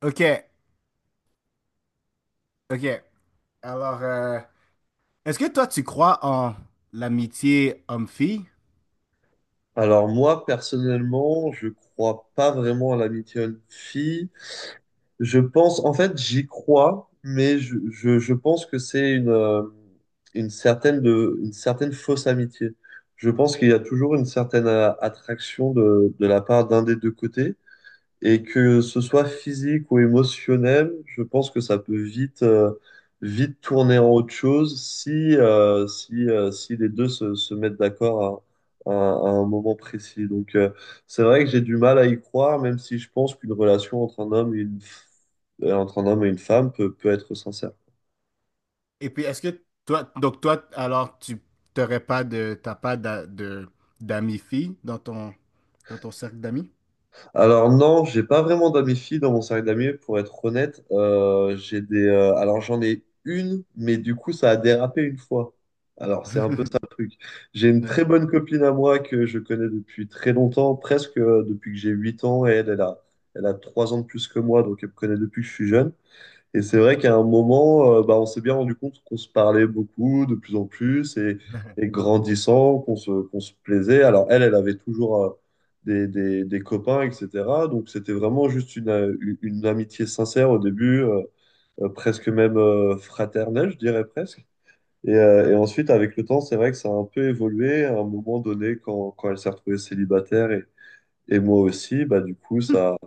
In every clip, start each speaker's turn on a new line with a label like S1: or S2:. S1: Ok, ok. Alors, est-ce que toi, tu crois en l'amitié homme-fille?
S2: Alors moi, personnellement, je crois pas vraiment à l'amitié homme-fille. Je pense, en fait, j'y crois, mais je pense que c'est une certaine fausse amitié. Je pense qu'il y a toujours une certaine attraction de la part d'un des deux côtés. Et que ce soit physique ou émotionnel, je pense que ça peut vite tourner en autre chose si les deux se mettent d'accord à, à- à un moment précis. Donc, c'est vrai que j'ai du mal à y croire, même si je pense qu'une relation entre un homme et une, f- entre un homme et une femme peut être sincère.
S1: Et puis, est-ce que toi, donc toi, alors, tu t'aurais pas de, t'as pas d'amis filles dans dans ton cercle d'amis?
S2: Alors non, j'ai pas vraiment d'amis filles dans mon cercle d'amis, pour être honnête. J'ai alors j'en ai une, mais du coup ça a dérapé une fois. Alors c'est un peu ça le truc. J'ai une
S1: Ouais,
S2: très bonne copine à moi que je connais depuis très longtemps, presque depuis que j'ai 8 ans, et elle a 3 ans de plus que moi, donc elle me connaît depuis que je suis jeune. Et c'est vrai qu'à un moment, bah, on s'est bien rendu compte qu'on se parlait beaucoup, de plus en plus, et grandissant, qu'on se plaisait. Alors elle, elle avait toujours des copains, etc. Donc c'était vraiment juste une amitié sincère au début, presque même fraternelle, je dirais presque. Et ensuite, avec le temps, c'est vrai que ça a un peu évolué à un moment donné quand elle s'est retrouvée célibataire et moi aussi, bah, du coup, ça a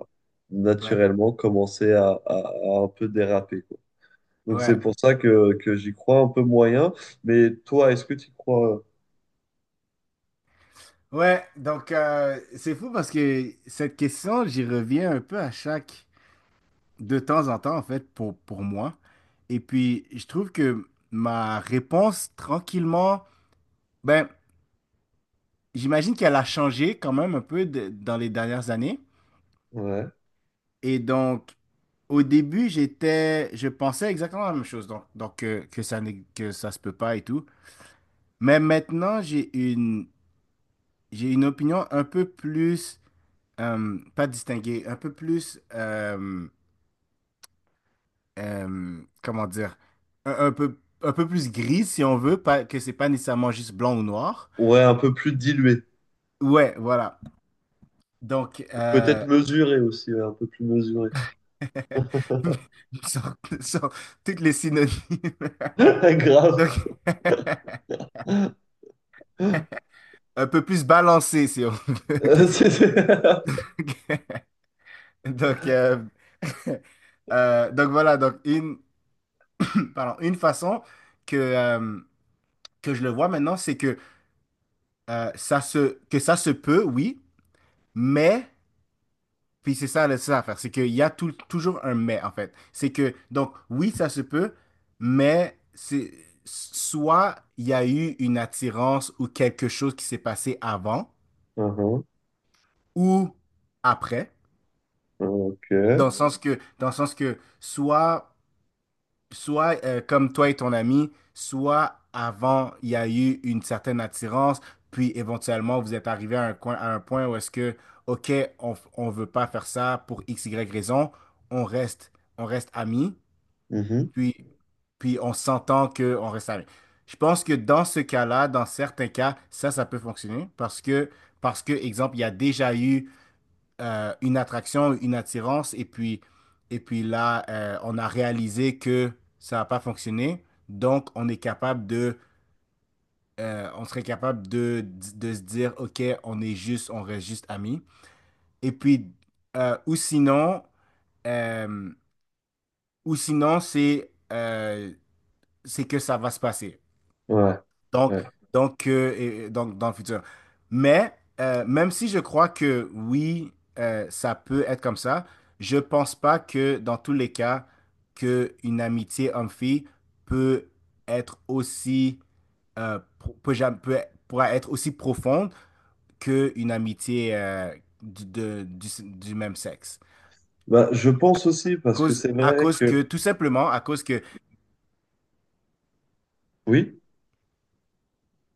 S1: ouais,
S2: naturellement commencé à un peu déraper. Donc c'est
S1: ouais.
S2: pour ça que j'y crois un peu moyen. Mais toi, est-ce que tu y crois?
S1: Ouais, donc c'est fou parce que cette question, j'y reviens un peu à de temps en temps en fait, pour moi. Et puis, je trouve que ma réponse, tranquillement, ben, j'imagine qu'elle a changé quand même un peu dans les dernières années.
S2: Ouais.
S1: Et donc, au début, je pensais exactement la même chose, donc, que ça n'est- que ça se peut pas et tout. Mais maintenant, j'ai une opinion un peu plus, pas distinguée, un peu plus, comment dire, un peu plus grise si on veut, pas, que c'est pas nécessairement juste blanc ou noir.
S2: Ouais, un peu plus dilué.
S1: Ouais, voilà. Donc,
S2: Peut-être mesuré aussi, ouais, un peu plus mesuré.
S1: Sur, sur toutes les synonymes.
S2: Grave.
S1: Donc, un peu plus balancé, si on veut. Ok,
S2: Euh,
S1: c'est bon.
S2: c'est- c'est-
S1: Donc, donc voilà, pardon, une façon que, euh, que je le vois maintenant, c'est que, que ça se peut, oui, mais puis c'est ça, là, c'est ça l'affaire, c'est qu'il y a toujours un mais, en fait. C'est que, donc, oui, ça se peut, mais c'est soit il y a eu une attirance ou quelque chose qui s'est passé avant
S2: Mhm.
S1: ou après,
S2: Ok.
S1: dans le sens que soit, comme toi et ton ami, soit avant, il y a eu une certaine attirance, puis éventuellement, vous êtes arrivé à un point où est-ce que, OK, on ne veut pas faire ça pour X, Y raison, on reste, on reste amis,
S2: Mhm.
S1: puis, puis on s'entend qu'on reste amis. Je pense que dans ce cas-là, dans certains cas, ça peut fonctionner parce que, exemple, il y a déjà eu une attraction, une attirance, et puis, et puis là, on a réalisé que ça n'a pas fonctionné. Donc, on serait capable de se dire, OK, on reste juste amis. Et puis, ou sinon, euh, ou sinon, c'est euh, c'est que ça va se passer.
S2: Ouais.
S1: Donc,
S2: Ouais.
S1: et donc dans le futur. Mais même si je crois que oui, ça peut être comme ça, je pense pas que dans tous les cas, que une amitié homme-fille peut être aussi pro- peut, jam- peut- pourra être aussi profonde qu'une amitié du même sexe.
S2: Bah, je pense aussi, parce que c'est
S1: À
S2: vrai
S1: cause
S2: que,
S1: que tout simplement, à cause que
S2: oui,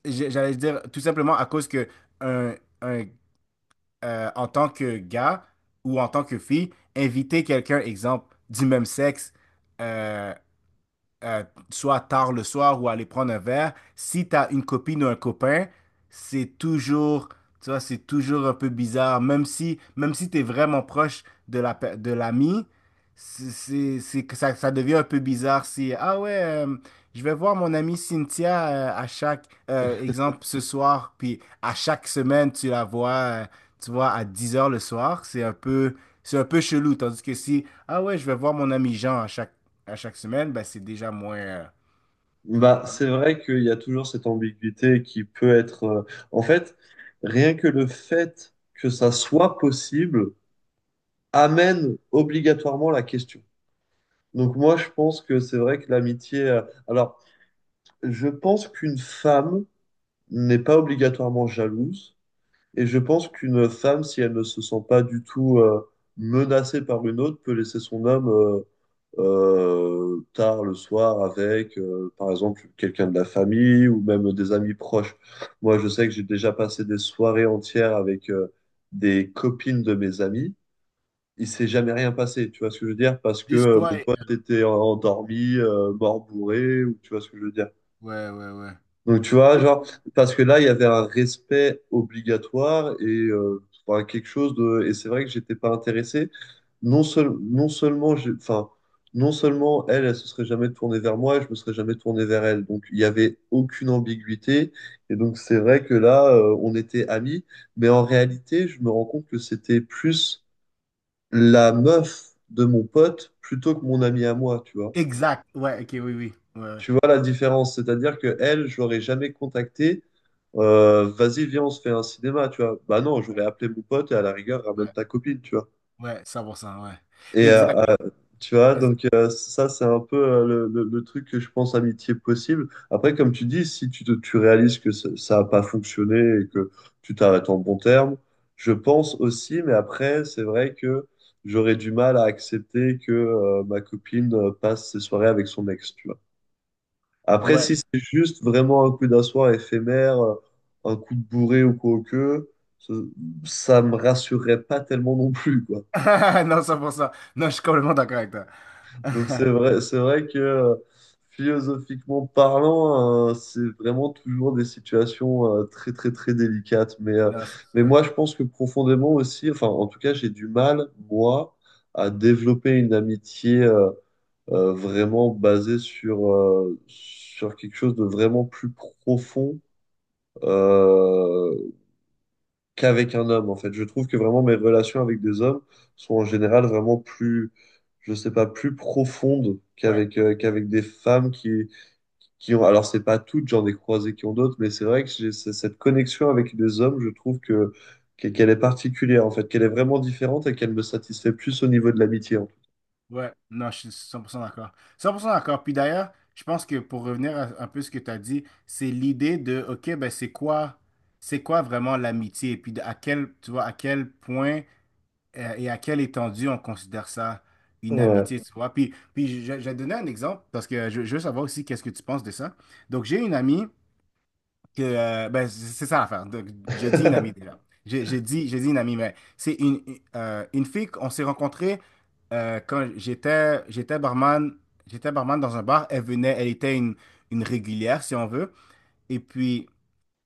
S1: j'- j'allais dire tout simplement à cause que un un en tant que gars ou en tant que fille, inviter quelqu'un, exemple, du même sexe, euh, euh, soit tard le soir ou aller prendre un verre, si tu as une copine ou un copain, c'est toujours, tu vois, c'est toujours un peu bizarre, même si tu es vraiment proche de de l'ami, c'est que ça devient un peu bizarre si, ah ouais, je vais voir mon amie Cynthia à chaque exemple ce soir, puis à chaque semaine, tu la vois, euh, à 10 heures le soir. C'est un peu chelou. Tandis que si, ah ouais, je vais voir mon ami Jean à chaque semaine, ben c'est déjà moins.
S2: bah,
S1: Ouais.
S2: c'est vrai qu'il y a toujours cette ambiguïté qui peut en fait, rien que le fait que ça soit possible amène obligatoirement la question. Donc moi, je pense que c'est vrai que l'amitié. Alors, je pense qu'une femme n'est pas obligatoirement jalouse. Et je pense qu'une femme, si elle ne se sent pas du tout menacée par une autre, peut laisser son homme tard le soir avec, par exemple, quelqu'un de la famille ou même des amis proches. Moi, je sais que j'ai déjà passé des soirées entières avec des copines de mes amis il s'est jamais rien passé, tu vois ce que je veux dire? Parce que
S1: Juste toi
S2: mon
S1: et...
S2: pote était endormi, mort bourré, ou tu vois ce que je veux dire?
S1: Ouais, ouais, ouais.
S2: Donc tu vois,
S1: Ju-
S2: genre, parce que là, il y avait un respect obligatoire et enfin, quelque chose de... Et c'est vrai que j'étais pas intéressé. Non, seul... non seulement, j'ai- enfin, non seulement elle, elle se serait jamais tournée vers moi et je me serais jamais tourné vers elle. Donc il y avait aucune ambiguïté. Et donc c'est vrai que là, on était amis. Mais en réalité, je me rends compte que c'était plus la meuf de mon pote plutôt que mon ami à moi, tu vois.
S1: Exact. Ouais, ok, oui, oui. Ouais, ouais,
S2: Tu vois la différence, c'est-à-dire que elle, je l'aurais jamais contactée. Vas-y, viens, on se fait un cinéma, tu vois. Bah non, j'aurais appelé mon pote et à la rigueur, ramène
S1: ouais,
S2: ta copine, tu vois.
S1: ouais, ouais, 100%, ouais.
S2: Et
S1: Exact.
S2: euh,
S1: Oui,
S2: Tu vois,
S1: vas-y.
S2: donc ça, c'est un peu le truc que je pense amitié possible. Après, comme tu dis, si tu, te- tu réalises que ça n'a pas fonctionné et que tu t'arrêtes en bon terme, je pense aussi, mais après, c'est vrai que j'aurais du mal à accepter que ma copine passe ses soirées avec son ex, tu vois. Après,
S1: Ouais.
S2: si c'est juste vraiment un coup d'un soir éphémère, un coup de bourré ou quoi que, ça, ça me rassurerait pas tellement non plus, quoi.
S1: Non, 100%. Non, je suis complètement d'accord avec toi.
S2: C'est vrai que philosophiquement parlant, c'est vraiment toujours des situations très très très délicates.
S1: Non, c'est
S2: Mais
S1: ça.
S2: moi je pense que profondément aussi, enfin en tout cas j'ai du mal, moi, à développer une amitié vraiment basée sur quelque chose de vraiment plus profond. Euh, Qu'avec un homme, en fait. Je trouve que vraiment mes relations avec des hommes sont en général vraiment plus, je sais pas, plus profondes
S1: Ouais.
S2: qu'avec des femmes qui ont... Alors, c'est pas toutes, j'en ai croisé qui ont d'autres, mais c'est vrai que cette connexion avec des hommes, je trouve que qu'elle est particulière, en fait, qu'elle est vraiment différente et qu'elle me satisfait plus au niveau de l'amitié, en fait.
S1: Ouais, non, je suis 100% d'accord. 100% d'accord. Puis d'ailleurs, je pense que pour revenir un peu ce que tu as dit, c'est l'idée de, OK, ben c'est quoi vraiment l'amitié? Et puis à quel, tu vois, à quel point et à quelle étendue on considère ça une
S2: Ouais.
S1: amitié, tu vois? Puis, je vais te donner un exemple parce que je veux savoir aussi qu'est-ce que tu penses de ça. Donc, j'ai une amie ben, c'est ça l'affaire. Donc, je dis une amie déjà. J'ai dit une amie, mais c'est une fille qu'on s'est rencontrée j'étais j'étais barman dans un bar. Elle venait, elle était une régulière, si on veut. Et puis,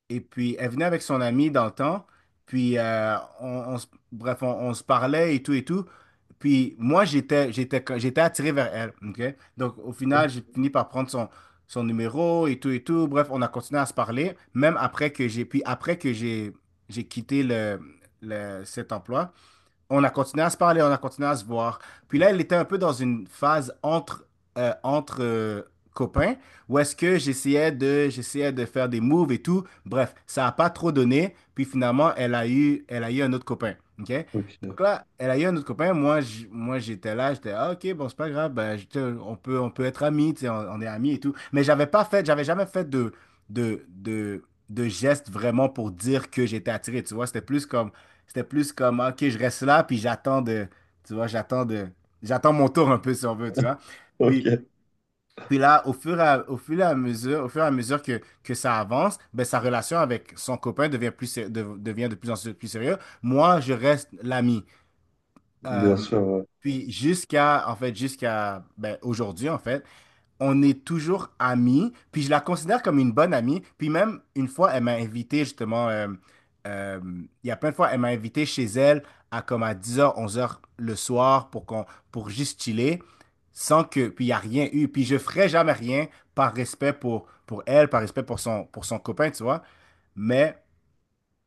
S1: elle venait avec son amie dans le temps. Puis, on se- bref, on se parlait et tout et tout. Puis, moi, j'étais attiré vers elle. OK? Donc, au final, j'ai fini par prendre son numéro et tout et tout. Bref, on a continué à se parler, même après que j'ai, puis après que j'ai quitté cet emploi, on a continué à se parler, on a continué à se voir. Puis là, elle était un peu dans une phase entre copains, où est-ce que j'essayais de faire des moves et tout. Bref, ça n'a pas trop donné. Puis finalement, elle a eu un autre copain. OK?
S2: Ok.
S1: Donc là, elle a eu un autre copain. Moi, moi j'étais là, ah, ok, bon, c'est pas grave, ben, on peut être amis, tu sais, on est amis et tout. Mais j'avais jamais fait de, de, de geste vraiment pour dire que j'étais attiré, tu vois. C'était plus comme, OK, je reste là, puis j'attends de, tu vois, j'attends de, j'attends mon tour un peu, si on veut, tu vois. Puis,
S2: Ok.
S1: puis, là, au fur et à, au fur et à mesure, au fur et à mesure que ça avance, ben, sa relation avec son copain devient de plus en plus sérieux. Moi, je reste l'ami. Euh,
S2: Bien sûr, ouais.
S1: puis jusqu'à, en fait, jusqu'à ben, aujourd'hui, en fait, on est toujours amis, puis je la considère comme une bonne amie, puis même une fois, elle m'a invité justement, euh, il y a plein de fois, elle m'a invité chez elle à comme à 10h, 11h le soir pour juste chiller, sans que, puis il n'y a rien eu, puis je ferai jamais rien par respect pour elle, par respect pour son copain, tu vois, mais,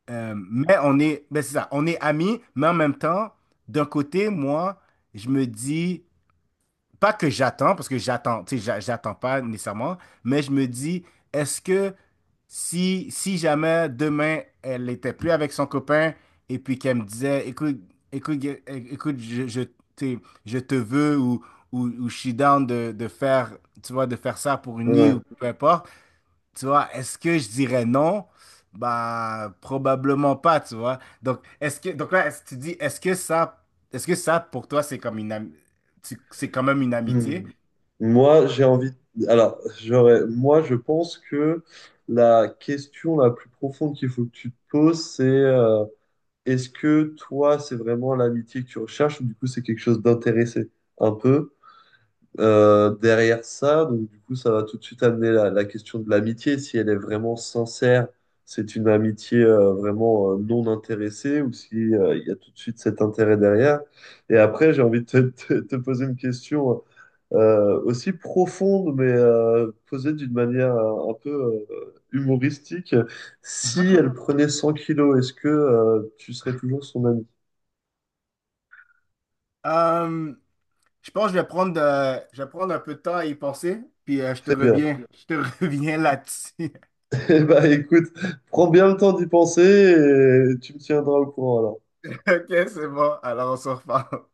S1: mais ben c'est ça, on est amis, mais en même temps, d'un côté, moi, je me dis, pas que j'attends, parce que j'attends, tu sais, j'attends pas nécessairement, mais je me dis, est-ce que si jamais demain elle était plus avec son copain et puis qu'elle me disait, écoute, écoute, sais, je te veux ou je suis down de faire ça pour une nuit
S2: Ouais.
S1: ou peu importe. Tu vois, est-ce que je dirais non? Bah, probablement pas, tu vois. Donc, donc là, est-ce que tu dis, est-ce que ça, pour toi, c'est comme c'est quand même une amitié?
S2: Hmm. Moi, j'ai envie. Alors, j'aurais. Moi, je pense que la question la plus profonde qu'il faut que tu te poses, c'est est-ce que toi, c'est vraiment l'amitié que tu recherches ou du coup, c'est quelque chose d'intéressé un peu derrière ça. Donc, du coup, ça va tout de suite amener la question de l'amitié. Si elle est vraiment sincère, c'est une amitié vraiment non intéressée ou si il y a tout de suite cet intérêt derrière. Et après, j'ai envie te poser une question aussi profonde, mais posée d'une manière un peu humoristique. Si elle prenait 100 kilos, est-ce que tu serais toujours son ami?
S1: Euh, je pense que je vais prendre un peu de temps à y penser, puis
S2: Très bien.
S1: je te reviens là-dessus.
S2: Eh ben, écoute, prends bien le temps d'y penser et tu me tiendras au courant alors.
S1: Ok, c'est bon. Alors, on se reparle.